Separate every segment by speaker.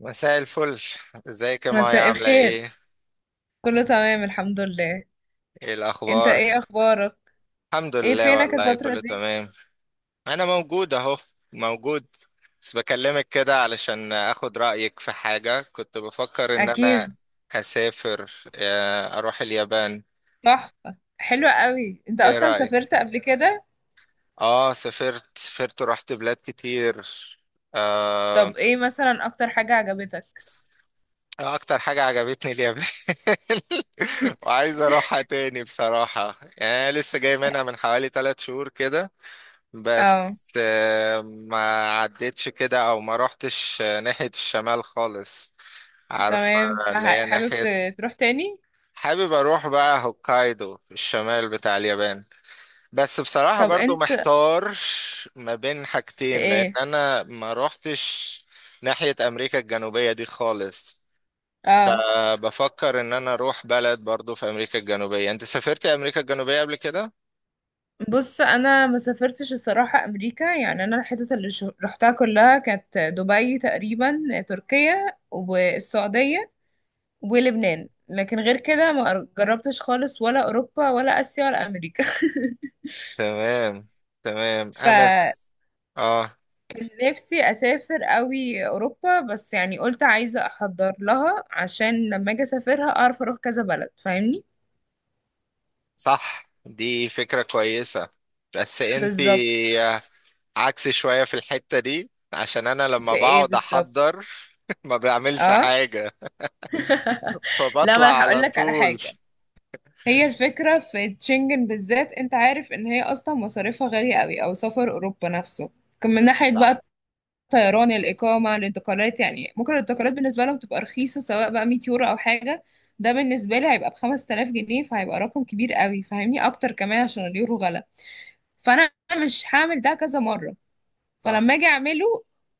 Speaker 1: مساء الفل، ازيك يا مايا؟
Speaker 2: مساء
Speaker 1: عاملة
Speaker 2: الخير.
Speaker 1: ايه؟
Speaker 2: كله تمام، الحمد لله.
Speaker 1: ايه
Speaker 2: انت
Speaker 1: الاخبار؟
Speaker 2: ايه اخبارك؟
Speaker 1: الحمد
Speaker 2: ايه
Speaker 1: لله،
Speaker 2: فينك
Speaker 1: والله
Speaker 2: الفترة
Speaker 1: كله
Speaker 2: دي؟
Speaker 1: تمام. انا موجود اهو، موجود. بس بكلمك كده علشان اخد رأيك في حاجة كنت بفكر ان انا
Speaker 2: اكيد.
Speaker 1: اسافر، اروح اليابان.
Speaker 2: تحفة، حلوة قوي. انت
Speaker 1: ايه
Speaker 2: اصلا
Speaker 1: رأيك؟
Speaker 2: سافرت قبل كده؟
Speaker 1: اه، سافرت ورحت بلاد كتير آه،
Speaker 2: طب ايه مثلا اكتر حاجة عجبتك؟
Speaker 1: اكتر حاجة عجبتني اليابان. وعايز اروحها تاني بصراحة، يعني أنا لسه جاي منها من حوالي 3 شهور كده.
Speaker 2: اه،
Speaker 1: بس، ما عدتش كده، او ما روحتش ناحية الشمال خالص، عارف،
Speaker 2: تمام.
Speaker 1: اللي هي
Speaker 2: فحابب
Speaker 1: ناحية.
Speaker 2: تروح تاني؟
Speaker 1: حابب اروح بقى هوكايدو في الشمال بتاع اليابان. بس بصراحة
Speaker 2: طب
Speaker 1: برضو
Speaker 2: انت
Speaker 1: محتار ما بين
Speaker 2: في
Speaker 1: حاجتين، لان
Speaker 2: ايه؟
Speaker 1: انا ما روحتش ناحية امريكا الجنوبية دي خالص.
Speaker 2: اه،
Speaker 1: فبفكر ان انا اروح بلد برضو في امريكا الجنوبية. انت سافرت امريكا الجنوبية قبل كده؟
Speaker 2: بص، انا ما سافرتش الصراحة امريكا، يعني انا الحتت اللي رحتها كلها كانت دبي تقريبا، تركيا، والسعودية، ولبنان، لكن غير كده ما جربتش خالص، ولا أوروبا، ولا آسيا، ولا أمريكا.
Speaker 1: تمام، تمام. انا س... اه.
Speaker 2: فنفسي أسافر قوي أوروبا، بس يعني قلت عايزة أحضر لها عشان لما أجي أسافرها أعرف أروح كذا بلد، فاهمني؟
Speaker 1: صح، دي فكرة كويسة. بس انتي
Speaker 2: بالظبط.
Speaker 1: عكسي شوية في الحتة دي، عشان انا لما
Speaker 2: في إيه
Speaker 1: بقعد
Speaker 2: بالظبط؟
Speaker 1: احضر ما بعملش
Speaker 2: اه،
Speaker 1: حاجة،
Speaker 2: لا، ما
Speaker 1: فبطلع
Speaker 2: أنا هقول
Speaker 1: على
Speaker 2: لك على
Speaker 1: طول.
Speaker 2: حاجة. هي الفكرة في تشنجن بالذات، أنت عارف إن هي أصلا مصاريفها غالية قوي، أو سفر أوروبا نفسه. كان من ناحية
Speaker 1: صح،
Speaker 2: بقى طيران، الإقامة، الانتقالات. يعني ممكن الانتقالات بالنسبة لهم تبقى رخيصة، سواء بقى 100 يورو أو حاجة، ده بالنسبة لي هيبقى بخمس تلاف جنيه، فهيبقى رقم كبير قوي، فاهمني؟ أكتر كمان عشان اليورو غلا، فأنا مش هعمل ده كذا مرة.
Speaker 1: صح.
Speaker 2: فلما أجي أعمله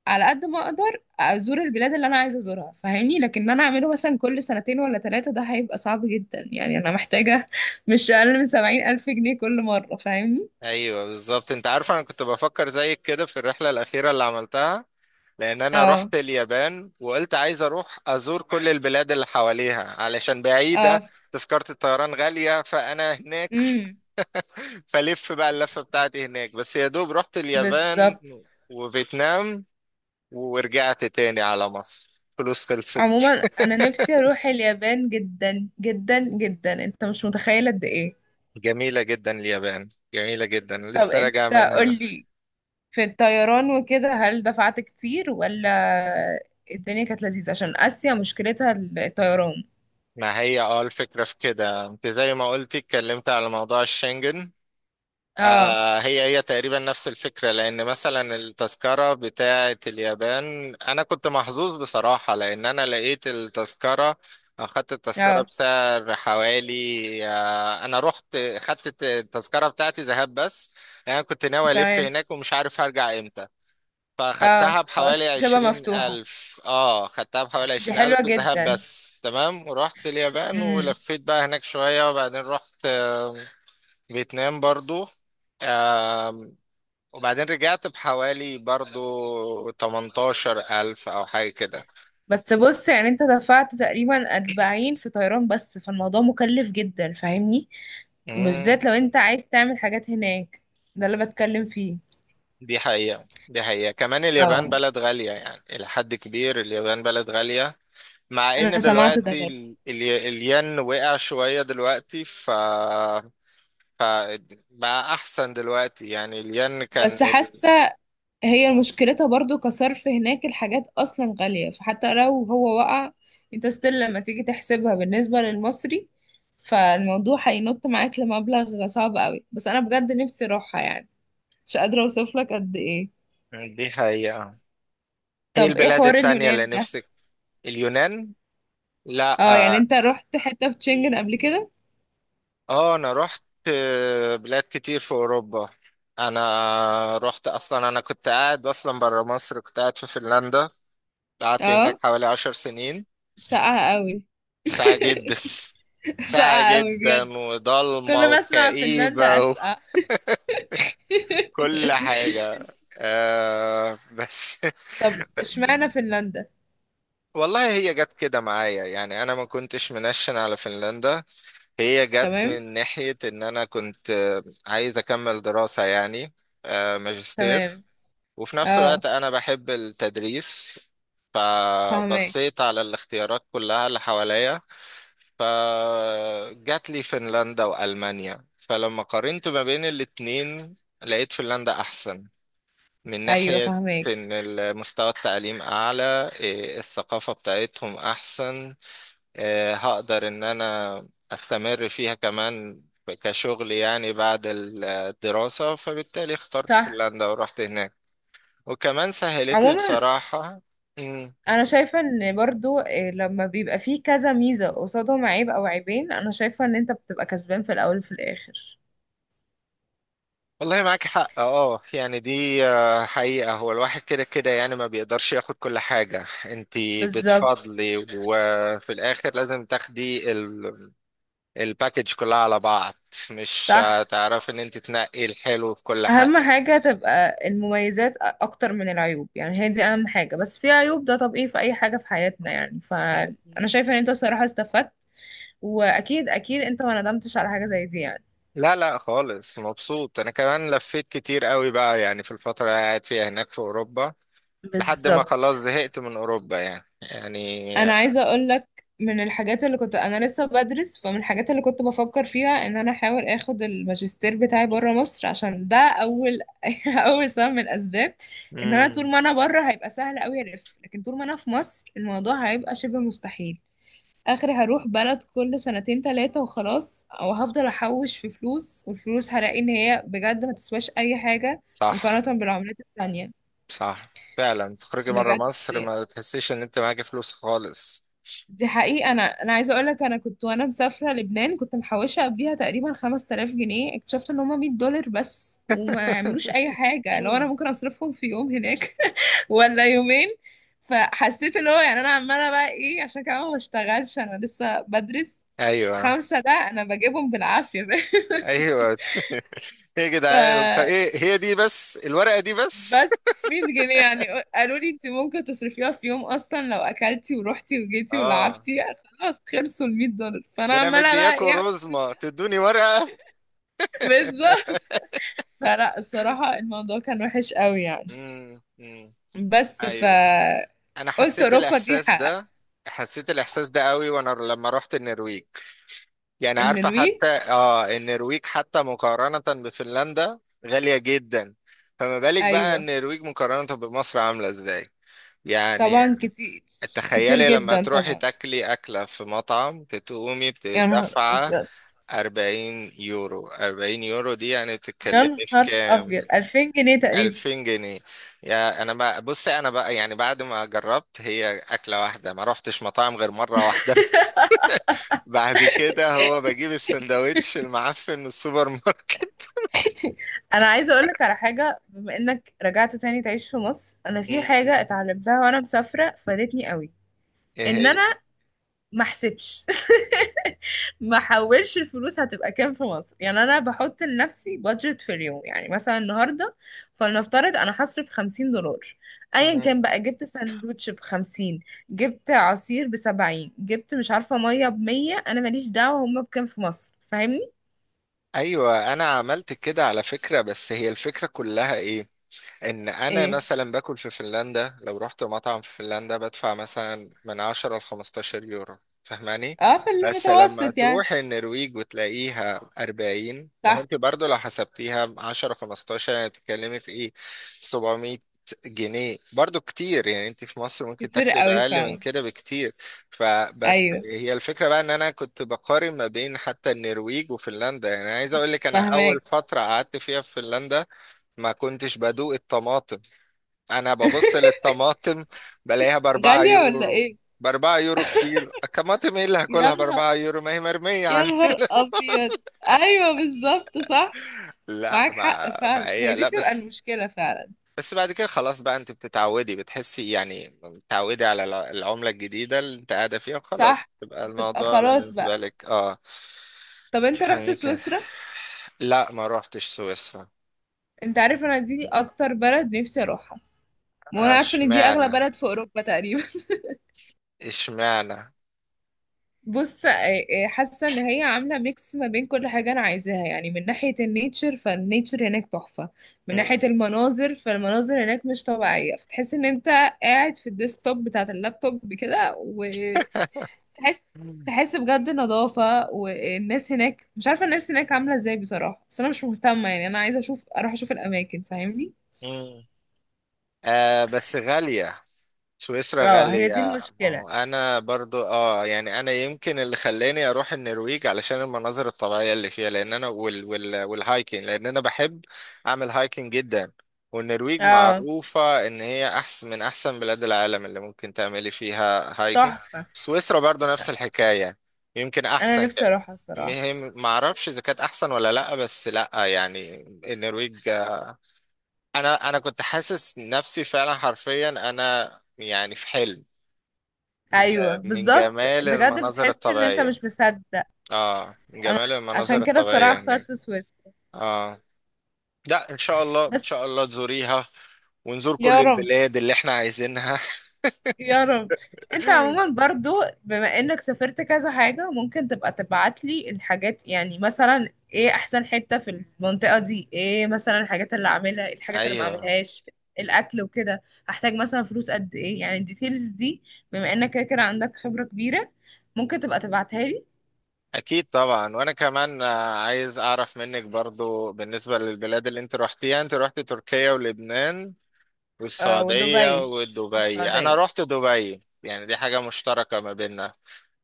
Speaker 2: على قد ما أقدر أزور البلاد اللي أنا عايزة أزورها، فاهمني. لكن أنا أعمله مثلا كل سنتين ولا ثلاثة، ده هيبقى صعب جدا، يعني أنا محتاجة مش أقل من 70 ألف جنيه كل مرة، فاهمني.
Speaker 1: ايوه بالظبط. انت عارف انا كنت بفكر زيك كده في الرحلة الاخيرة اللي عملتها، لان انا
Speaker 2: اه،
Speaker 1: رحت اليابان وقلت عايز اروح ازور كل البلاد اللي حواليها علشان بعيدة.
Speaker 2: اه،
Speaker 1: تذكرة الطيران غالية، فانا هناك
Speaker 2: امم
Speaker 1: فلف بقى اللفة بتاعتي هناك، بس يا دوب رحت اليابان
Speaker 2: بالظبط.
Speaker 1: وفيتنام ورجعت تاني على مصر. فلوس خلصت.
Speaker 2: عموما انا نفسي اروح اليابان جدا جدا جدا، انت مش متخيل قد ايه.
Speaker 1: جميلة جدا اليابان، جميلة جدا،
Speaker 2: طب
Speaker 1: لسه
Speaker 2: انت،
Speaker 1: راجع منها.
Speaker 2: قولي، في الطيران وكده هل دفعت كتير، ولا الدنيا كانت لذيذة؟ عشان اسيا مشكلتها الطيران.
Speaker 1: ما هي، الفكرة في كده انت زي ما قلتي، اتكلمت على موضوع الشنجن.
Speaker 2: اه،
Speaker 1: هي تقريبا نفس الفكرة، لأن مثلا التذكرة بتاعة اليابان، أنا كنت محظوظ بصراحة لأن أنا لقيت التذكرة، أخدت التذكرة
Speaker 2: اه،
Speaker 1: بسعر حوالي، أنا رحت خدت التذكرة بتاعتي ذهاب بس. يعني أنا كنت ناوي ألف
Speaker 2: تمام.
Speaker 1: هناك ومش عارف هرجع إمتى،
Speaker 2: اه
Speaker 1: فخدتها
Speaker 2: فقلت
Speaker 1: بحوالي
Speaker 2: تسيبها
Speaker 1: عشرين
Speaker 2: مفتوحة،
Speaker 1: ألف خدتها بحوالي
Speaker 2: دي
Speaker 1: 20 ألف
Speaker 2: حلوة
Speaker 1: ذهاب
Speaker 2: جدا.
Speaker 1: بس. تمام. ورحت اليابان
Speaker 2: امم
Speaker 1: ولفيت بقى هناك شوية، وبعدين رحت فيتنام برضو، وبعدين رجعت بحوالي برضو 18000 أو حاجة كده.
Speaker 2: بس بص، يعني انت دفعت تقريبا 40 في طيران بس، فالموضوع مكلف جدا، فاهمني؟
Speaker 1: امم
Speaker 2: بالذات لو انت عايز تعمل حاجات هناك، ده اللي بتكلم فيه.
Speaker 1: دي حقيقة، دي حقيقة. كمان اليابان
Speaker 2: اه،
Speaker 1: بلد غالية، يعني إلى حد كبير اليابان بلد غالية. مع
Speaker 2: انا
Speaker 1: إن
Speaker 2: سمعت ده
Speaker 1: دلوقتي
Speaker 2: برضه.
Speaker 1: الين وقع شوية دلوقتي، ف بقى أحسن دلوقتي، يعني الين كان
Speaker 2: بس
Speaker 1: ال...
Speaker 2: حاسه هي مشكلتها برضه، كصرف هناك الحاجات اصلا غاليه، فحتى لو هو وقع، انت ستيل لما تيجي تحسبها بالنسبه للمصري، فالموضوع هينط معاك لمبلغ صعب قوي. بس انا بجد نفسي اروحها، يعني مش قادره اوصف لك قد ايه.
Speaker 1: مم. دي حقيقة. هي
Speaker 2: طب ايه
Speaker 1: البلاد
Speaker 2: حوار
Speaker 1: التانية اللي
Speaker 2: اليونان ده؟
Speaker 1: نفسك؟ اليونان؟ لا
Speaker 2: اه، يعني
Speaker 1: آه،
Speaker 2: انت رحت حته في تشنجن قبل كده.
Speaker 1: اه، انا رحت بلاد كتير في اوروبا. انا رحت اصلا، انا كنت قاعد اصلا برا مصر، كنت قاعد في فنلندا. قعدت هناك
Speaker 2: اه،
Speaker 1: حوالي 10 سنين.
Speaker 2: ساقعه قوي.
Speaker 1: ساعة جدا. ساعة
Speaker 2: ساقعه قوي
Speaker 1: جدا،
Speaker 2: بجد،
Speaker 1: وضلمة،
Speaker 2: كل ما اسمع فنلندا
Speaker 1: وكئيبة،
Speaker 2: اسقع.
Speaker 1: وكل حاجة آه بس
Speaker 2: طب
Speaker 1: بس
Speaker 2: اشمعنى فنلندا؟
Speaker 1: والله هي جت كده معايا، يعني انا ما كنتش منشن على فنلندا. هي جت
Speaker 2: تمام،
Speaker 1: من ناحية ان انا كنت عايز اكمل دراسة، يعني ماجستير.
Speaker 2: تمام.
Speaker 1: وفي نفس
Speaker 2: اه،
Speaker 1: الوقت أنا بحب التدريس،
Speaker 2: فهماك.
Speaker 1: فبصيت على الاختيارات كلها اللي حواليا. فجات لي فنلندا وألمانيا، فلما قارنت ما بين الاتنين لقيت فنلندا أحسن، من
Speaker 2: ايوه،
Speaker 1: ناحية
Speaker 2: فهماك.
Speaker 1: إن المستوى التعليم أعلى، الثقافة بتاعتهم أحسن، هقدر إن أنا أستمر فيها كمان كشغل يعني بعد الدراسة. فبالتالي اخترت
Speaker 2: صح.
Speaker 1: فنلندا ورحت هناك، وكمان سهلت لي
Speaker 2: عموما
Speaker 1: بصراحة. مم.
Speaker 2: انا شايفه ان برضو إيه، لما بيبقى فيه كذا ميزه قصادهم عيب او عيبين، انا شايفه ان انت بتبقى كسبان في الاول وفي الاخر.
Speaker 1: والله معاك حق. اه، يعني دي حقيقة، هو الواحد كده كده يعني ما بيقدرش ياخد كل حاجة، انتي
Speaker 2: بالظبط.
Speaker 1: بتفضلي وفي الاخر لازم تاخدي الباكج كلها على بعض، مش
Speaker 2: صح.
Speaker 1: هتعرفي ان انتي تنقي الحلو في كل
Speaker 2: اهم
Speaker 1: حاجة.
Speaker 2: حاجه تبقى المميزات اكتر من العيوب، يعني هي دي اهم حاجه. بس في عيوب، ده طبيعي في اي حاجه في حياتنا، يعني. فانا شايفه ان انت الصراحه استفدت، واكيد اكيد انت ما ندمتش على حاجه زي دي يعني.
Speaker 1: لا، لا خالص، مبسوط. انا كمان لفيت كتير قوي بقى، يعني في الفترة اللي قاعد فيها هناك في اوروبا لحد ما خلاص
Speaker 2: بالظبط.
Speaker 1: زهقت من اوروبا يعني. يعني.
Speaker 2: انا عايزه اقول لك، من الحاجات اللي كنت انا لسه بدرس، فمن الحاجات اللي كنت بفكر فيها ان انا احاول اخد الماجستير بتاعي بره مصر، عشان ده اول اول سبب من الاسباب. ان انا
Speaker 1: مم.
Speaker 2: طول ما انا بره هيبقى سهل قوي الف، لكن طول ما انا في مصر الموضوع هيبقى شبه مستحيل. اخري هروح بلد كل سنتين تلاتة وخلاص، او هفضل احوش في فلوس والفلوس هلاقي ان هي بجد ما تسواش اي حاجه
Speaker 1: صح،
Speaker 2: مقارنه بالعملات التانية.
Speaker 1: صح فعلا، تخرجي بره
Speaker 2: بجد.
Speaker 1: مصر ما تحسيش ان انت معاكي فلوس خالص.
Speaker 2: دي حقيقة. أنا عايزة أقولك، أنا كنت وأنا مسافرة لبنان كنت محوشة قبليها تقريبا 5000 جنيه، اكتشفت إن هما 100 دولار بس، وما يعملوش أي حاجة، لو أنا ممكن أصرفهم في يوم هناك ولا يومين. فحسيت اللي هو، يعني أنا عمالة بقى إيه، عشان كمان ما بشتغلش، أنا لسه بدرس في
Speaker 1: ايوه،
Speaker 2: خمسة ده أنا بجيبهم بالعافية.
Speaker 1: ايوه. ايه يا
Speaker 2: ف
Speaker 1: جدعان، ايه هي دي بس؟ الورقه دي بس؟
Speaker 2: بس 100 جنيه يعني. قالوا لي انت ممكن تصرفيها في يوم اصلا، لو اكلتي ورحتي وجيتي
Speaker 1: اه،
Speaker 2: ولعبتي خلاص خلصوا ال 100 دولار، فانا
Speaker 1: ده انا
Speaker 2: عماله بقى ايه
Speaker 1: مدياكوا
Speaker 2: اعمل
Speaker 1: رزمه تدوني ورقه.
Speaker 2: بالظبط. فلا الصراحه الموضوع كان وحش قوي يعني.
Speaker 1: امم. أمم.
Speaker 2: بس،
Speaker 1: ايوه. انا
Speaker 2: قلت اوروبا دي حق.
Speaker 1: حسيت الاحساس ده قوي وانا لما رحت النرويج. يعني عارفة
Speaker 2: النرويج.
Speaker 1: حتى، النرويج حتى مقارنة بفنلندا غالية جدا، فما بالك بقى
Speaker 2: ايوه
Speaker 1: النرويج مقارنة بمصر عاملة ازاي؟ يعني
Speaker 2: طبعا، كتير، كتير
Speaker 1: تخيلي لما
Speaker 2: جدا
Speaker 1: تروحي
Speaker 2: طبعا.
Speaker 1: تاكلي أكلة في مطعم بتقومي
Speaker 2: يا نهار
Speaker 1: بتدفع
Speaker 2: ابيض،
Speaker 1: 40 يورو. 40 يورو دي يعني
Speaker 2: يا
Speaker 1: بتتكلمي في
Speaker 2: نهار
Speaker 1: كام؟
Speaker 2: ابيض، 2000 جنيه تقريبا.
Speaker 1: 2000 جنيه. يا انا بقى، بصي انا بقى يعني بعد ما جربت هي أكلة واحدة ما روحتش مطاعم غير مرة واحدة بس. بعد كده هو بجيب السندوتش المعفن من السوبر ماركت.
Speaker 2: انا عايزه اقول لك على حاجه، بما انك رجعت تاني تعيش في مصر، انا في
Speaker 1: مم.
Speaker 2: حاجه اتعلمتها وانا مسافره فادتني قوي.
Speaker 1: ايه
Speaker 2: ان
Speaker 1: هي؟
Speaker 2: انا ما احسبش ما احولش الفلوس هتبقى كام في مصر. يعني انا بحط لنفسي بادجت في اليوم، يعني مثلا النهارده فلنفترض انا هصرف 50 دولار، ايا كان
Speaker 1: مم.
Speaker 2: بقى جبت ساندوتش ب 50، جبت عصير ب 70، جبت مش عارفه ميه ب 100، انا ماليش دعوه هما بكام في مصر، فاهمني.
Speaker 1: ايوه، انا عملت كده على فكرة. بس هي الفكرة كلها ايه، ان انا
Speaker 2: ايه.
Speaker 1: مثلا باكل في فنلندا، لو رحت مطعم في فنلندا بدفع مثلا من 10 ل 15 يورو. فاهماني؟
Speaker 2: اه، في
Speaker 1: بس لما
Speaker 2: المتوسط يعني.
Speaker 1: تروح النرويج وتلاقيها 40، ما هو
Speaker 2: صح،
Speaker 1: انت برضو لو حسبتيها 10، 15، يعني بتتكلمي في ايه؟ 700 جنيه، برضو كتير، يعني انت في مصر ممكن
Speaker 2: كتير
Speaker 1: تاكلي
Speaker 2: قوي
Speaker 1: بأقل من
Speaker 2: فعلا.
Speaker 1: كده بكتير. فبس
Speaker 2: ايوه
Speaker 1: هي الفكرة بقى ان انا كنت بقارن ما بين حتى النرويج وفنلندا. يعني عايز اقول لك انا اول
Speaker 2: فاهماك.
Speaker 1: فترة قعدت فيها في فنلندا ما كنتش بدوق الطماطم. انا ببص للطماطم بلاقيها باربعة
Speaker 2: غالية ولا
Speaker 1: يورو،
Speaker 2: ايه؟
Speaker 1: باربعة يورو كيلو الطماطم، ايه اللي
Speaker 2: يا
Speaker 1: هاكلها
Speaker 2: نهار،
Speaker 1: باربعة يورو؟ ما هي مرمية
Speaker 2: يا
Speaker 1: عندنا.
Speaker 2: نهار ابيض. ايوه بالظبط، صح.
Speaker 1: لا
Speaker 2: معاك حق
Speaker 1: ما
Speaker 2: فعلا، هي
Speaker 1: فهي،
Speaker 2: دي
Speaker 1: لا
Speaker 2: بتبقى
Speaker 1: بس.
Speaker 2: المشكلة فعلا.
Speaker 1: بس بعد كده خلاص بقى انت بتتعودي، بتحسي يعني بتتعودي على العملة الجديدة اللي انت قاعدة فيها وخلاص.
Speaker 2: صح،
Speaker 1: يبقى
Speaker 2: بتبقى
Speaker 1: الموضوع
Speaker 2: خلاص
Speaker 1: بالنسبة
Speaker 2: بقى.
Speaker 1: لك،
Speaker 2: طب انت رحت
Speaker 1: بتفهمي كده.
Speaker 2: سويسرا؟
Speaker 1: لا، ما روحتش سويسرا.
Speaker 2: انت عارف انا دي اكتر بلد نفسي اروحها، وانا عارفة ان دي اغلى
Speaker 1: اشمعنى؟
Speaker 2: بلد في اوروبا تقريبا.
Speaker 1: اشمعنى؟
Speaker 2: بص، حاسه ان هي عامله ميكس ما بين كل حاجه انا عايزاها، يعني من ناحيه النيتشر فالنيتشر هناك تحفه. من ناحيه المناظر فالمناظر هناك مش طبيعيه، فتحس ان انت قاعد في الديسكتوب بتاعه اللابتوب كده وتحس
Speaker 1: مم.
Speaker 2: تحس بجد نظافه. والناس هناك مش عارفه الناس هناك عامله ازاي بصراحه، بس انا مش مهتمه، يعني انا عايزه اروح اشوف الاماكن، فاهمني.
Speaker 1: مم. بس غالية، سويسرا
Speaker 2: اه، هي
Speaker 1: غالية.
Speaker 2: دي
Speaker 1: ما
Speaker 2: المشكله.
Speaker 1: هو أنا برضو، يعني أنا يمكن اللي خلاني أروح النرويج علشان المناظر الطبيعية اللي فيها، لأن أنا والهايكنج، لأن أنا بحب أعمل هايكنج جدا. والنرويج
Speaker 2: اه،
Speaker 1: معروفة إن هي أحسن من أحسن بلاد العالم اللي ممكن تعملي فيها هايكنج.
Speaker 2: تحفه.
Speaker 1: سويسرا برضو نفس الحكاية، يمكن
Speaker 2: انا
Speaker 1: أحسن.
Speaker 2: نفسي اروحها الصراحه.
Speaker 1: مهم، معرفش إذا كانت أحسن ولا لأ، بس لأ يعني، النرويج. انا كنت حاسس نفسي فعلا حرفيا، انا يعني في حلم،
Speaker 2: ايوه
Speaker 1: من
Speaker 2: بالظبط
Speaker 1: جمال
Speaker 2: بجد،
Speaker 1: المناظر
Speaker 2: بتحس ان انت
Speaker 1: الطبيعية.
Speaker 2: مش مصدق.
Speaker 1: اه، من
Speaker 2: انا
Speaker 1: جمال المناظر
Speaker 2: عشان كده الصراحه
Speaker 1: الطبيعية
Speaker 2: اخترت
Speaker 1: هناك.
Speaker 2: سويس.
Speaker 1: اه، لا، ان شاء الله، ان
Speaker 2: بس،
Speaker 1: شاء الله تزوريها، ونزور
Speaker 2: يا
Speaker 1: كل
Speaker 2: رب،
Speaker 1: البلاد اللي احنا عايزينها.
Speaker 2: يا رب. انت عموما برضو بما انك سافرت كذا حاجه، ممكن تبقى تبعت لي الحاجات. يعني مثلا ايه احسن حته في المنطقه دي، ايه مثلا الحاجات اللي اعملها، إيه الحاجات اللي ما
Speaker 1: ايوه،
Speaker 2: اعملهاش، الاكل وكده، هحتاج مثلا فلوس قد ايه، يعني الديتيلز دي. بما انك كده كده عندك خبره كبيره، ممكن تبقى تبعتها لي.
Speaker 1: اكيد طبعا. وانا كمان، عايز اعرف منك برضو بالنسبة للبلاد اللي انت روحتيها. انت روحت تركيا ولبنان
Speaker 2: آه،
Speaker 1: والسعودية
Speaker 2: ودبي،
Speaker 1: ودبي، انا
Speaker 2: والسعوديه.
Speaker 1: روحت دبي، يعني دي حاجة مشتركة ما بيننا.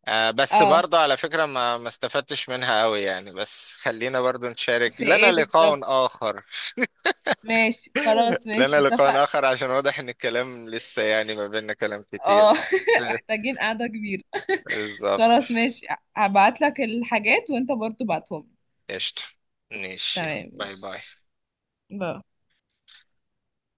Speaker 1: بس
Speaker 2: اه،
Speaker 1: برضه على فكرة ما استفدتش منها قوي يعني، بس خلينا برضه نشارك.
Speaker 2: في
Speaker 1: لنا
Speaker 2: ايه بالظبط؟
Speaker 1: لقاء آخر.
Speaker 2: ماشي، خلاص
Speaker 1: لنا
Speaker 2: ماشي اتفق.
Speaker 1: لقاء آخر، عشان واضح إن الكلام لسه يعني ما بيننا كلام
Speaker 2: اه.
Speaker 1: كتير.
Speaker 2: محتاجين قعدة كبيرة.
Speaker 1: بالظبط.
Speaker 2: خلاص ماشي، هبعت لك الحاجات وانت برضو بعتهم.
Speaker 1: قشطة، ماشي، يلا.
Speaker 2: تمام
Speaker 1: باي
Speaker 2: ماشي.
Speaker 1: باي.
Speaker 2: باي.